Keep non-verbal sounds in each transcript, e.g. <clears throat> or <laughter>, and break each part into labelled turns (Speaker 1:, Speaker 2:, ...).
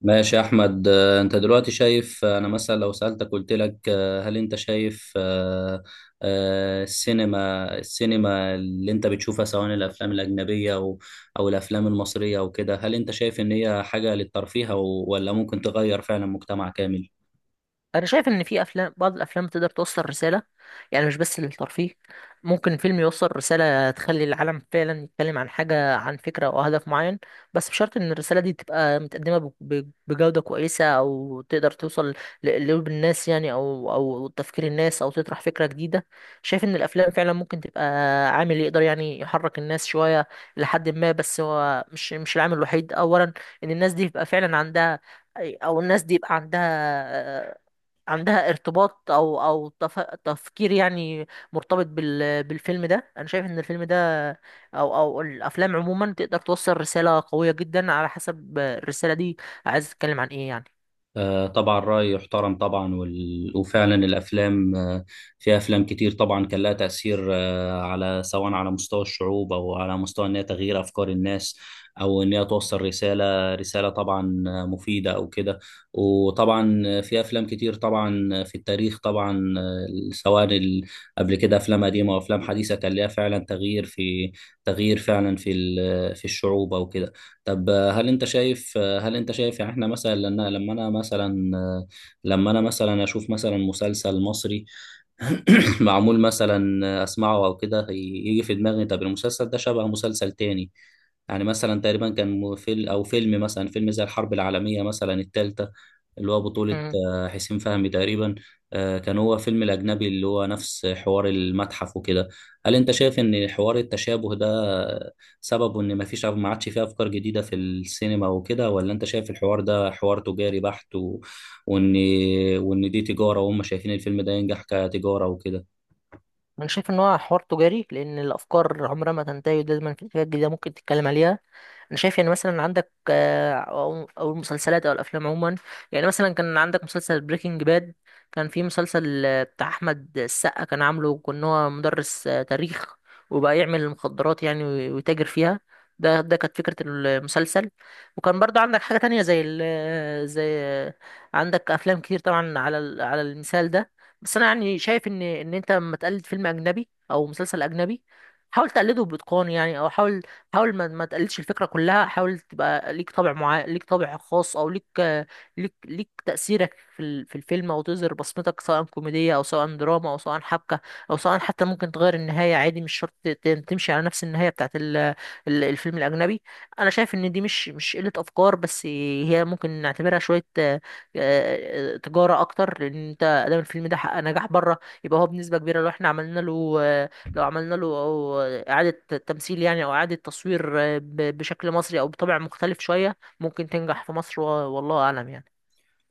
Speaker 1: ماشي يا احمد، انت دلوقتي شايف. انا مثلا لو سالتك قلت لك، هل انت شايف؟ السينما اللي انت بتشوفها، سواء الافلام الاجنبيه او الافلام المصريه وكده، هل انت شايف ان هي حاجه للترفيه ولا ممكن تغير فعلا مجتمع كامل؟
Speaker 2: انا شايف ان في افلام بعض الافلام تقدر توصل رساله، يعني مش بس للترفيه. ممكن فيلم يوصل رساله تخلي العالم فعلا يتكلم عن حاجه، عن فكره او هدف معين. بس بشرط ان الرساله دي تبقى متقدمه بجوده كويسه، او تقدر توصل لقلوب الناس يعني، او تفكير الناس، او تطرح فكره جديده. شايف ان الافلام فعلا ممكن تبقى عامل يقدر يعني يحرك الناس شويه لحد ما. بس هو مش العامل الوحيد. اولا ان الناس دي يبقى فعلا عندها، او الناس دي يبقى عندها عندها ارتباط او تفكير يعني، مرتبط بالفيلم ده. انا شايف ان الفيلم ده او الافلام عموما تقدر توصل رسالة قوية جدا، على حسب الرسالة دي عايز تتكلم عن ايه يعني.
Speaker 1: طبعا رأي يحترم طبعا، وفعلا الأفلام، في أفلام كتير طبعا كان لها تأثير، على سواء على مستوى الشعوب أو على مستوى إن هي تغيير أفكار الناس، أو إن هي توصل رسالة طبعا مفيدة أو كده. وطبعا في أفلام كتير طبعا في التاريخ طبعا، سواء ال... قبل كده أفلام قديمة وأفلام حديثة كان لها فعلا تغيير فعلا في الشعوب أو كده. طب، هل انت شايف يعني احنا مثلا لما انا مثلا اشوف مثلا مسلسل مصري <clears throat> معمول مثلا، اسمعه او كده، يجي في دماغي طب المسلسل ده شبه مسلسل تاني. يعني مثلا تقريبا كان فيلم زي الحرب العالمية مثلا التالتة، اللي هو بطولة
Speaker 2: مم.
Speaker 1: حسين فهمي تقريبا، كان هو فيلم الأجنبي اللي هو نفس حوار المتحف وكده. هل أنت شايف إن حوار التشابه ده، سببه إن مفيش، ما عادش فيه أفكار جديدة في السينما وكده، ولا أنت شايف الحوار ده حوار تجاري بحت وإن، وإن دي تجارة وهم شايفين الفيلم ده ينجح كتجارة وكده؟
Speaker 2: انا شايف ان هو حوار تجاري، لان الافكار عمرها ما تنتهي، ودايما في حاجات جديده ممكن تتكلم عليها. انا شايف يعني، مثلا عندك او المسلسلات او الافلام عموما. يعني مثلا كان عندك مسلسل بريكنج باد، كان في مسلسل بتاع احمد السقا، كان عامله كان هو مدرس تاريخ، وبقى يعمل المخدرات يعني ويتاجر فيها. ده كانت فكرة المسلسل. وكان برضه عندك حاجة تانية زي ال آه، زي آه، عندك أفلام كتير طبعا على على المثال ده. بس أنا يعني شايف إن أنت لما تقلد فيلم أجنبي أو مسلسل أجنبي، حاول تقلده بإتقان يعني. أو حاول، حاول ما تقلدش الفكره كلها. حاول تبقى ليك طابع معين، ليك طابع خاص، او ليك، ليك تاثيرك في في الفيلم، او تظهر بصمتك، سواء كوميديه او سواء دراما او سواء حبكه، او سواء حتى ممكن تغير النهايه عادي، مش شرط تمشي على نفس النهايه بتاعت الفيلم الاجنبي. انا شايف ان دي مش قله افكار بس. هي ممكن نعتبرها شويه تجاره اكتر، لان انت ادام الفيلم ده حقق نجاح بره، يبقى هو بنسبه كبيره لو احنا عملنا له أو إعادة تمثيل يعني، أو إعادة تصوير بشكل مصري، أو بطبع مختلف شوية، ممكن تنجح في مصر والله أعلم يعني.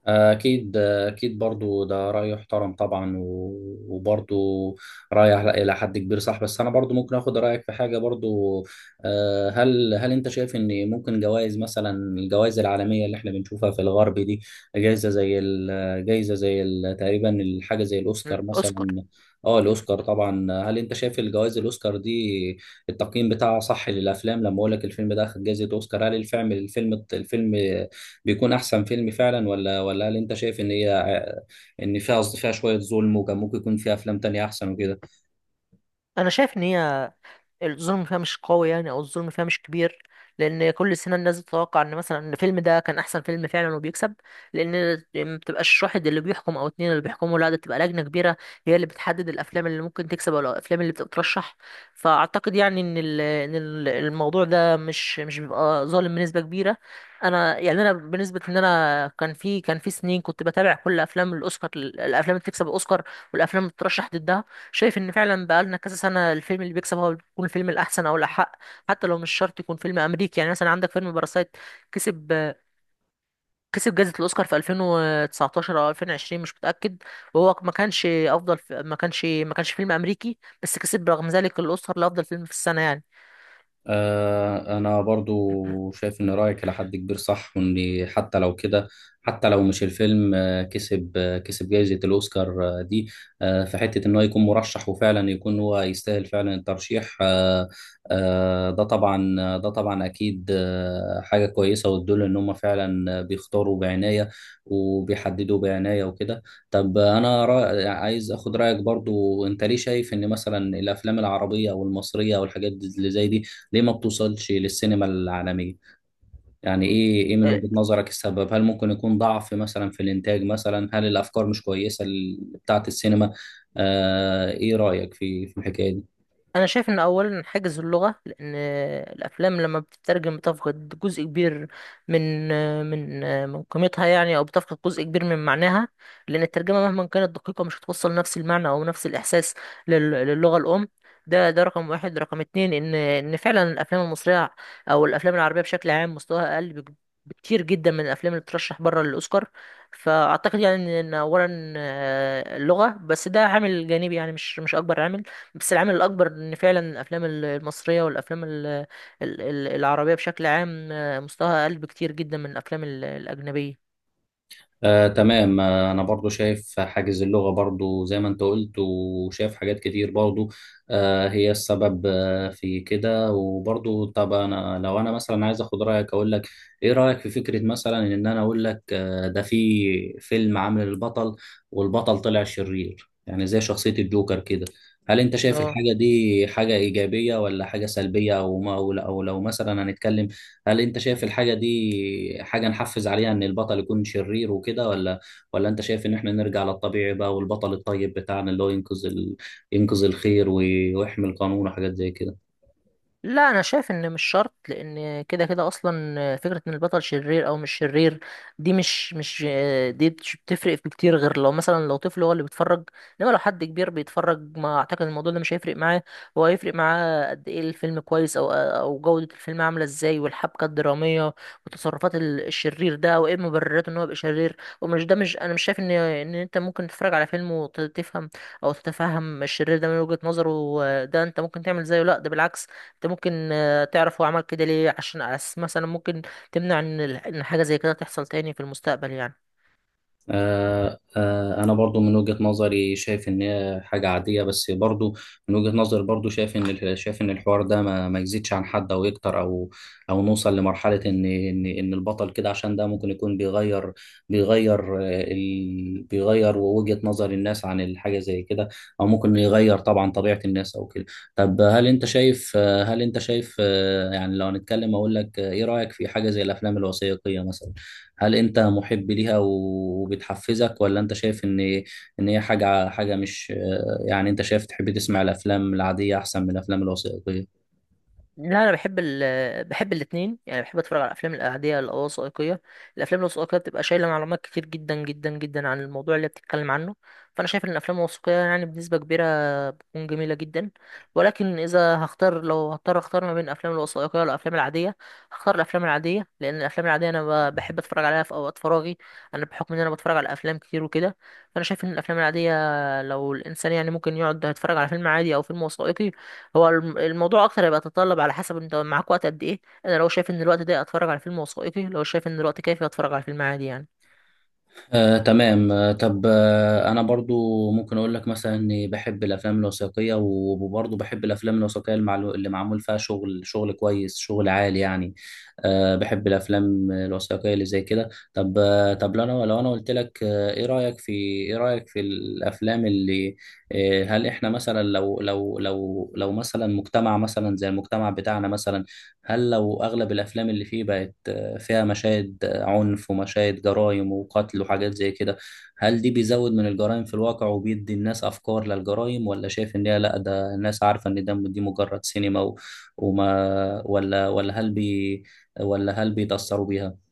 Speaker 1: أكيد أكيد، برضو ده رأي يحترم طبعا، وبرضو رأي إلى حد كبير صح، بس أنا برضو ممكن أخد رأيك في حاجة برضو. هل أنت شايف إن ممكن جوائز مثلا، الجوائز العالمية اللي إحنا بنشوفها في الغرب دي، تقريبا الحاجة زي الأوسكار
Speaker 2: الأوسكار.
Speaker 1: مثلا؟ اه، الأوسكار طبعا. هل أنت شايف الجوائز الأوسكار دي التقييم بتاعها صح للأفلام؟ لما أقول لك الفيلم ده أخد جائزة أوسكار، هل الفيلم بيكون احسن فيلم فعلا، ولا هل انت شايف ان فيها شوية ظلم، وكان ممكن يكون فيها افلام تانية احسن وكده؟
Speaker 2: أنا شايف إن هي الظلم فيها مش قوي يعني، او الظلم فيها مش كبير. لان كل سنه الناس بتتوقع ان مثلا ان الفيلم ده كان احسن فيلم فعلا وبيكسب. لان ما بتبقاش واحد اللي بيحكم او اتنين اللي بيحكموا، لا ده بتبقى لجنه كبيره هي اللي بتحدد الافلام اللي ممكن تكسب او الافلام اللي بتترشح. فاعتقد يعني ان الموضوع ده مش بيبقى ظالم بنسبه كبيره. انا يعني انا بالنسبه ان انا، كان في سنين كنت بتابع كل افلام الاوسكار، الافلام اللي بتكسب الاوسكار والافلام اللي بتترشح ضدها. شايف ان فعلا بقالنا كذا سنه الفيلم اللي بيكسب هو بيكون الفيلم الاحسن او الاحق. حتى لو مش شرط يكون فيلم امريكي، يعني مثلا عندك فيلم باراسايت، كسب كسب جائزه الاوسكار في 2019 او 2020 مش متاكد. وهو ما كانش افضل، ما كانش فيلم امريكي، بس كسب رغم ذلك الاوسكار لافضل فيلم في السنه يعني.
Speaker 1: أنا برضو
Speaker 2: <clears throat>
Speaker 1: شايف إن رأيك إلى حد كبير صح، وإن حتى لو كده، حتى لو مش الفيلم كسب جائزة الأوسكار دي، في حتة إن هو يكون مرشح وفعلا يكون هو يستاهل فعلا الترشيح. ده طبعا أكيد حاجة كويسة، وتدل إن هم فعلا بيختاروا بعناية وبيحددوا بعناية وكده. طب، أنا رأي عايز أخد رأيك برضو. أنت ليه شايف إن مثلا الأفلام العربية أو المصرية أو الحاجات اللي زي دي ليه ما بتوصلش للسينما العالمية؟ يعني ايه من
Speaker 2: آه،
Speaker 1: وجهة نظرك السبب؟ هل ممكن يكون ضعف مثلا في الانتاج مثلا؟ هل الافكار مش كويسة، بتاعة السينما؟ آه، ايه رأيك في الحكاية دي؟
Speaker 2: انا شايف ان اولا حاجز اللغه، لان الافلام لما بتترجم بتفقد جزء كبير من من من قيمتها يعني، او بتفقد جزء كبير من معناها. لان الترجمه مهما كانت دقيقه مش هتوصل نفس المعنى او نفس الاحساس للغه الام. ده رقم واحد. رقم اتنين ان فعلا الافلام المصريه او الافلام العربيه بشكل عام مستواها اقل بكتير جدا من الافلام اللي بترشح بره للاوسكار. فاعتقد يعني إن اولا اللغه، بس ده عامل جانبي يعني، مش اكبر عامل. بس العامل الأكبر إن فعلا الأفلام المصرية والأفلام ال- العربية بشكل عام مستواها أقل بكتير جدا من الأفلام الأجنبية.
Speaker 1: تمام. انا برضو شايف حاجز اللغة برضو زي ما انت قلت، وشايف حاجات كتير برضو هي السبب في كده. وبرضو طب، لو انا مثلا عايز اخد رأيك اقول لك، ايه رأيك في فكرة، مثلا ان انا اقول لك ده في فيلم عامل البطل، والبطل طلع شرير يعني زي شخصية الجوكر كده، هل انت شايف
Speaker 2: اه.
Speaker 1: الحاجة دي حاجة ايجابية ولا حاجة سلبية؟ او ما او لو مثلا هنتكلم هل انت شايف الحاجة دي حاجة نحفز عليها ان البطل يكون شرير وكده، ولا انت شايف ان احنا نرجع للطبيعي بقى، والبطل الطيب بتاعنا اللي هو ينقذ ينقذ الخير ويحمي القانون وحاجات زي كده؟
Speaker 2: لا انا شايف ان مش شرط، لان كده كده اصلا فكره ان البطل شرير او مش شرير دي مش مش دي مش بتفرق في كتير، غير لو مثلا لو طفل هو اللي بيتفرج. انما لو حد كبير بيتفرج ما اعتقد الموضوع ده مش هيفرق معاه. هو هيفرق معاه قد ايه الفيلم كويس، او جوده الفيلم عامله ازاي، والحبكه الدراميه وتصرفات الشرير ده، وايه مبررات ان هو يبقى شرير. ومش ده مش انا مش شايف ان انت ممكن تتفرج على فيلم وتفهم او تتفهم الشرير ده من وجهه نظره، ده انت ممكن تعمل زيه. لا ده بالعكس، انت ممكن تعرف هو عمل كده ليه، عشان أس مثلا ممكن تمنع ان حاجه زي كده تحصل تاني في المستقبل يعني.
Speaker 1: انا برضو من وجهة نظري شايف ان هي حاجة عادية، بس برضو من وجهة نظري برضو شايف ان شايف ان الحوار ده ما يزيدش عن حد او يكتر، او او نوصل لمرحلة ان البطل كده، عشان ده ممكن يكون بيغير وجهة نظر الناس عن الحاجة زي كده، او ممكن يغير طبعا طبيعة الناس او كده. طب، هل انت شايف آه، هل انت شايف آه، يعني لو هنتكلم اقول لك، ايه رأيك في حاجة زي الافلام الوثائقية مثلا؟ هل انت محب ليها وبتحفزك، ولا انت شايف ان ان هي حاجه حاجه مش يعني انت شايف تحب تسمع الافلام العاديه احسن من الافلام الوثائقيه؟
Speaker 2: لا انا بحب بحب الاثنين يعني، بحب اتفرج على الافلام الاعاديه الوثائقيه. الافلام الوثائقيه بتبقى شايله معلومات كتير جدا جدا جدا عن الموضوع اللي بتتكلم عنه. فانا شايف ان الافلام الوثائقيه يعني بنسبه كبيره تكون جميلة جدا. ولكن إذا هختار، لو هضطر أختار ما بين الأفلام الوثائقية والأفلام العادية، هختار الأفلام العادية. لأن الأفلام العادية أنا بحب أتفرج عليها في أوقات فراغي، أنا بحكم إن أنا بتفرج على أفلام كتير وكده. فأنا شايف إن الأفلام العادية، لو الإنسان يعني ممكن يقعد يتفرج على فيلم عادي أو فيلم وثائقي، هو الموضوع أكتر هيبقى يتطلب على حسب أنت معاك وقت قد إيه. أنا لو شايف إن الوقت ده أتفرج على فيلم وثائقي، لو شايف إن الوقت كافي أتفرج على فيلم عادي يعني.
Speaker 1: تمام. طب، انا برضو ممكن اقول لك مثلا اني بحب الافلام الوثائقيه، وبرضو بحب الافلام الوثائقيه اللي معمول فيها شغل، شغل كويس، شغل عالي يعني. أه، بحب الافلام الوثائقيه اللي زي كده. طب طب لو انا قلت لك، ايه رايك في الافلام اللي آه، هل احنا مثلا لو مثلا مجتمع مثلا زي المجتمع بتاعنا مثلا، هل لو اغلب الافلام اللي فيه بقت فيها مشاهد عنف ومشاهد جرائم وقتل وحاجات زي كده، هل دي بيزود من الجرائم في الواقع وبيدي الناس أفكار للجرائم، ولا شايف إن هي لأ، ده الناس عارفة إن ده دي مجرد سينما، و- وما ولا ولا هل بي ولا هل بيتأثروا بيها؟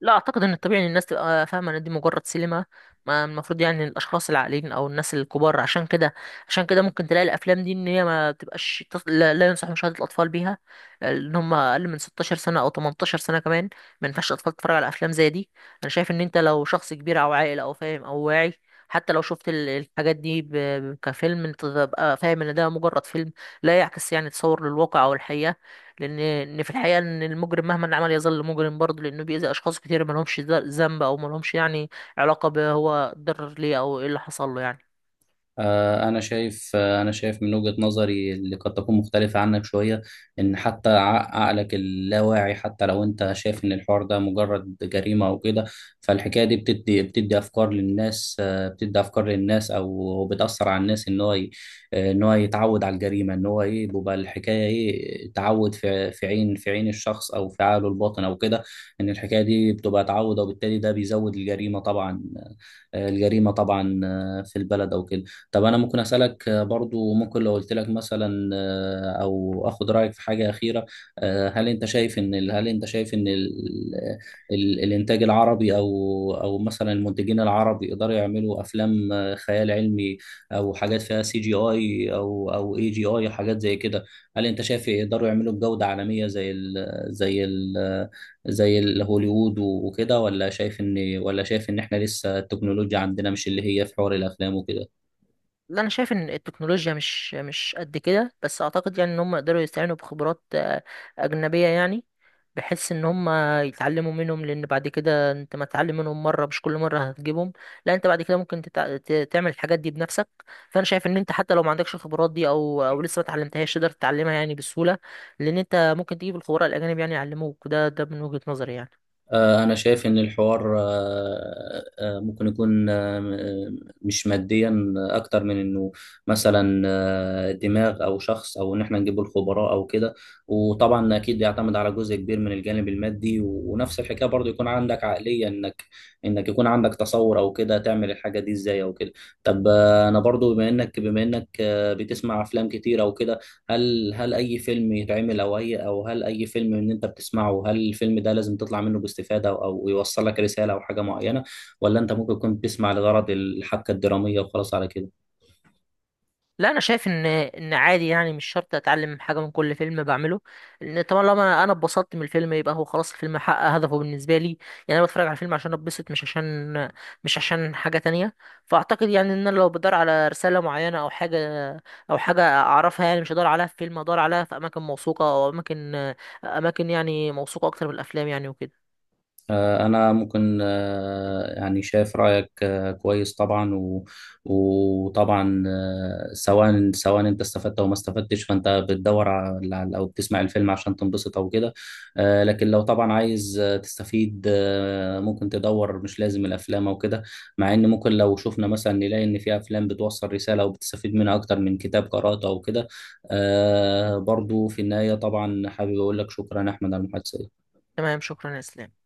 Speaker 2: لا اعتقد ان الطبيعي ان الناس تبقى فاهمه ان دي مجرد سينما. ما المفروض يعني الاشخاص العاقلين او الناس الكبار. عشان كده ممكن تلاقي الافلام دي ان هي ما تبقاش لا، لا ينصح مشاهده الاطفال بيها ان هم اقل من 16 سنه او 18 سنه كمان. ما ينفعش الاطفال تتفرج على افلام زي دي. انا شايف ان انت لو شخص كبير او عاقل او فاهم او واعي، حتى لو شفت الحاجات دي كفيلم، انت تبقى فاهم ان ده مجرد فيلم، لا يعكس يعني تصور للواقع او الحقيقه. لان ان في الحقيقه ان المجرم مهما عمل يظل مجرم برضه، لانه بيأذي اشخاص كتير ما لهمش ذنب، او ما لهمش يعني علاقه، بهو اتضرر ليه او ايه اللي حصل له يعني.
Speaker 1: أنا شايف من وجهة نظري اللي قد تكون مختلفة عنك شوية، إن حتى عقلك اللاواعي، حتى لو أنت شايف إن الحوار ده مجرد جريمة أو كده، فالحكاية دي بتدي أفكار للناس أو بتأثر على الناس، إن هو يتعود على الجريمة. إن هو إيه، بيبقى الحكاية إيه، تعود في عين الشخص أو في عقله الباطن أو كده. إن الحكاية دي بتبقى تعود، وبالتالي ده بيزود الجريمة طبعا، في البلد أو كده. طب، انا ممكن اسالك برضو. ممكن لو قلت لك مثلا او اخد رايك في حاجه اخيره، هل انت شايف ان ال ال الانتاج العربي، او مثلا المنتجين العرب، يقدروا يعملوا افلام خيال علمي، او حاجات فيها سي جي اي او اي جي اي، حاجات زي كده؟ هل انت شايف يقدروا يعملوا بجوده عالميه زي هوليوود وكده، ولا شايف ان احنا لسه التكنولوجيا عندنا مش اللي هي في حوار الافلام وكده؟
Speaker 2: لا انا شايف ان التكنولوجيا مش قد كده، بس اعتقد يعني ان هم يقدروا يستعينوا بخبرات اجنبيه يعني. بحيث ان هم يتعلموا منهم، لان بعد كده انت ما تتعلم منهم مره مش كل مره هتجيبهم. لا انت بعد كده ممكن تعمل الحاجات دي بنفسك. فانا شايف ان انت حتى لو ما عندكش الخبرات دي او لسه ما اتعلمتهاش، تقدر تتعلمها يعني بسهوله، لان انت ممكن تجيب الخبراء الاجانب يعني يعلموك. ده من وجهه نظري يعني.
Speaker 1: أنا شايف إن الحوار، ممكن يكون مش ماديا أكتر من إنه مثلا دماغ أو شخص، أو إن إحنا نجيب الخبراء أو كده. وطبعا أكيد يعتمد على جزء كبير من الجانب المادي، ونفس الحكاية برضو يكون عندك عقلية إنك يكون عندك تصور أو كده تعمل الحاجة دي إزاي أو كده. طب أنا برضو بما إنك بتسمع أفلام كتير أو كده، هل اي فيلم يتعمل او اي او هل اي فيلم ان انت بتسمعه، هل الفيلم ده لازم تطلع منه باستفادة، او يوصل لك رسالة او حاجة معينة، ولا انت ممكن تكون بتسمع لغرض الحبكة الدرامية وخلاص على كده؟
Speaker 2: لا انا شايف ان عادي يعني، مش شرط اتعلم حاجه من كل فيلم بعمله. لان طبعا لما انا اتبسطت من الفيلم يبقى هو خلاص الفيلم حقق هدفه بالنسبه لي، يعني انا بتفرج على الفيلم عشان اتبسط، مش عشان حاجه تانية. فاعتقد يعني ان انا لو بدور على رساله معينه او حاجه اعرفها يعني، مش هدور عليها في فيلم، هدور عليها في اماكن موثوقه، او اماكن اماكن يعني موثوقه اكتر من الافلام يعني وكده.
Speaker 1: أنا ممكن يعني شايف رأيك كويس طبعا، وطبعا سواء أنت استفدت أو ما استفدتش، فأنت بتدور على أو بتسمع الفيلم عشان تنبسط أو كده. لكن لو طبعا عايز تستفيد، ممكن تدور، مش لازم الأفلام أو كده، مع إن ممكن لو شفنا مثلا نلاقي إن في أفلام بتوصل رسالة وبتستفيد منها أكتر من كتاب قرأته أو كده. برضو في النهاية طبعا حابب أقول لك شكرا أحمد على المحادثة.
Speaker 2: تمام، شكرا يا اسلام.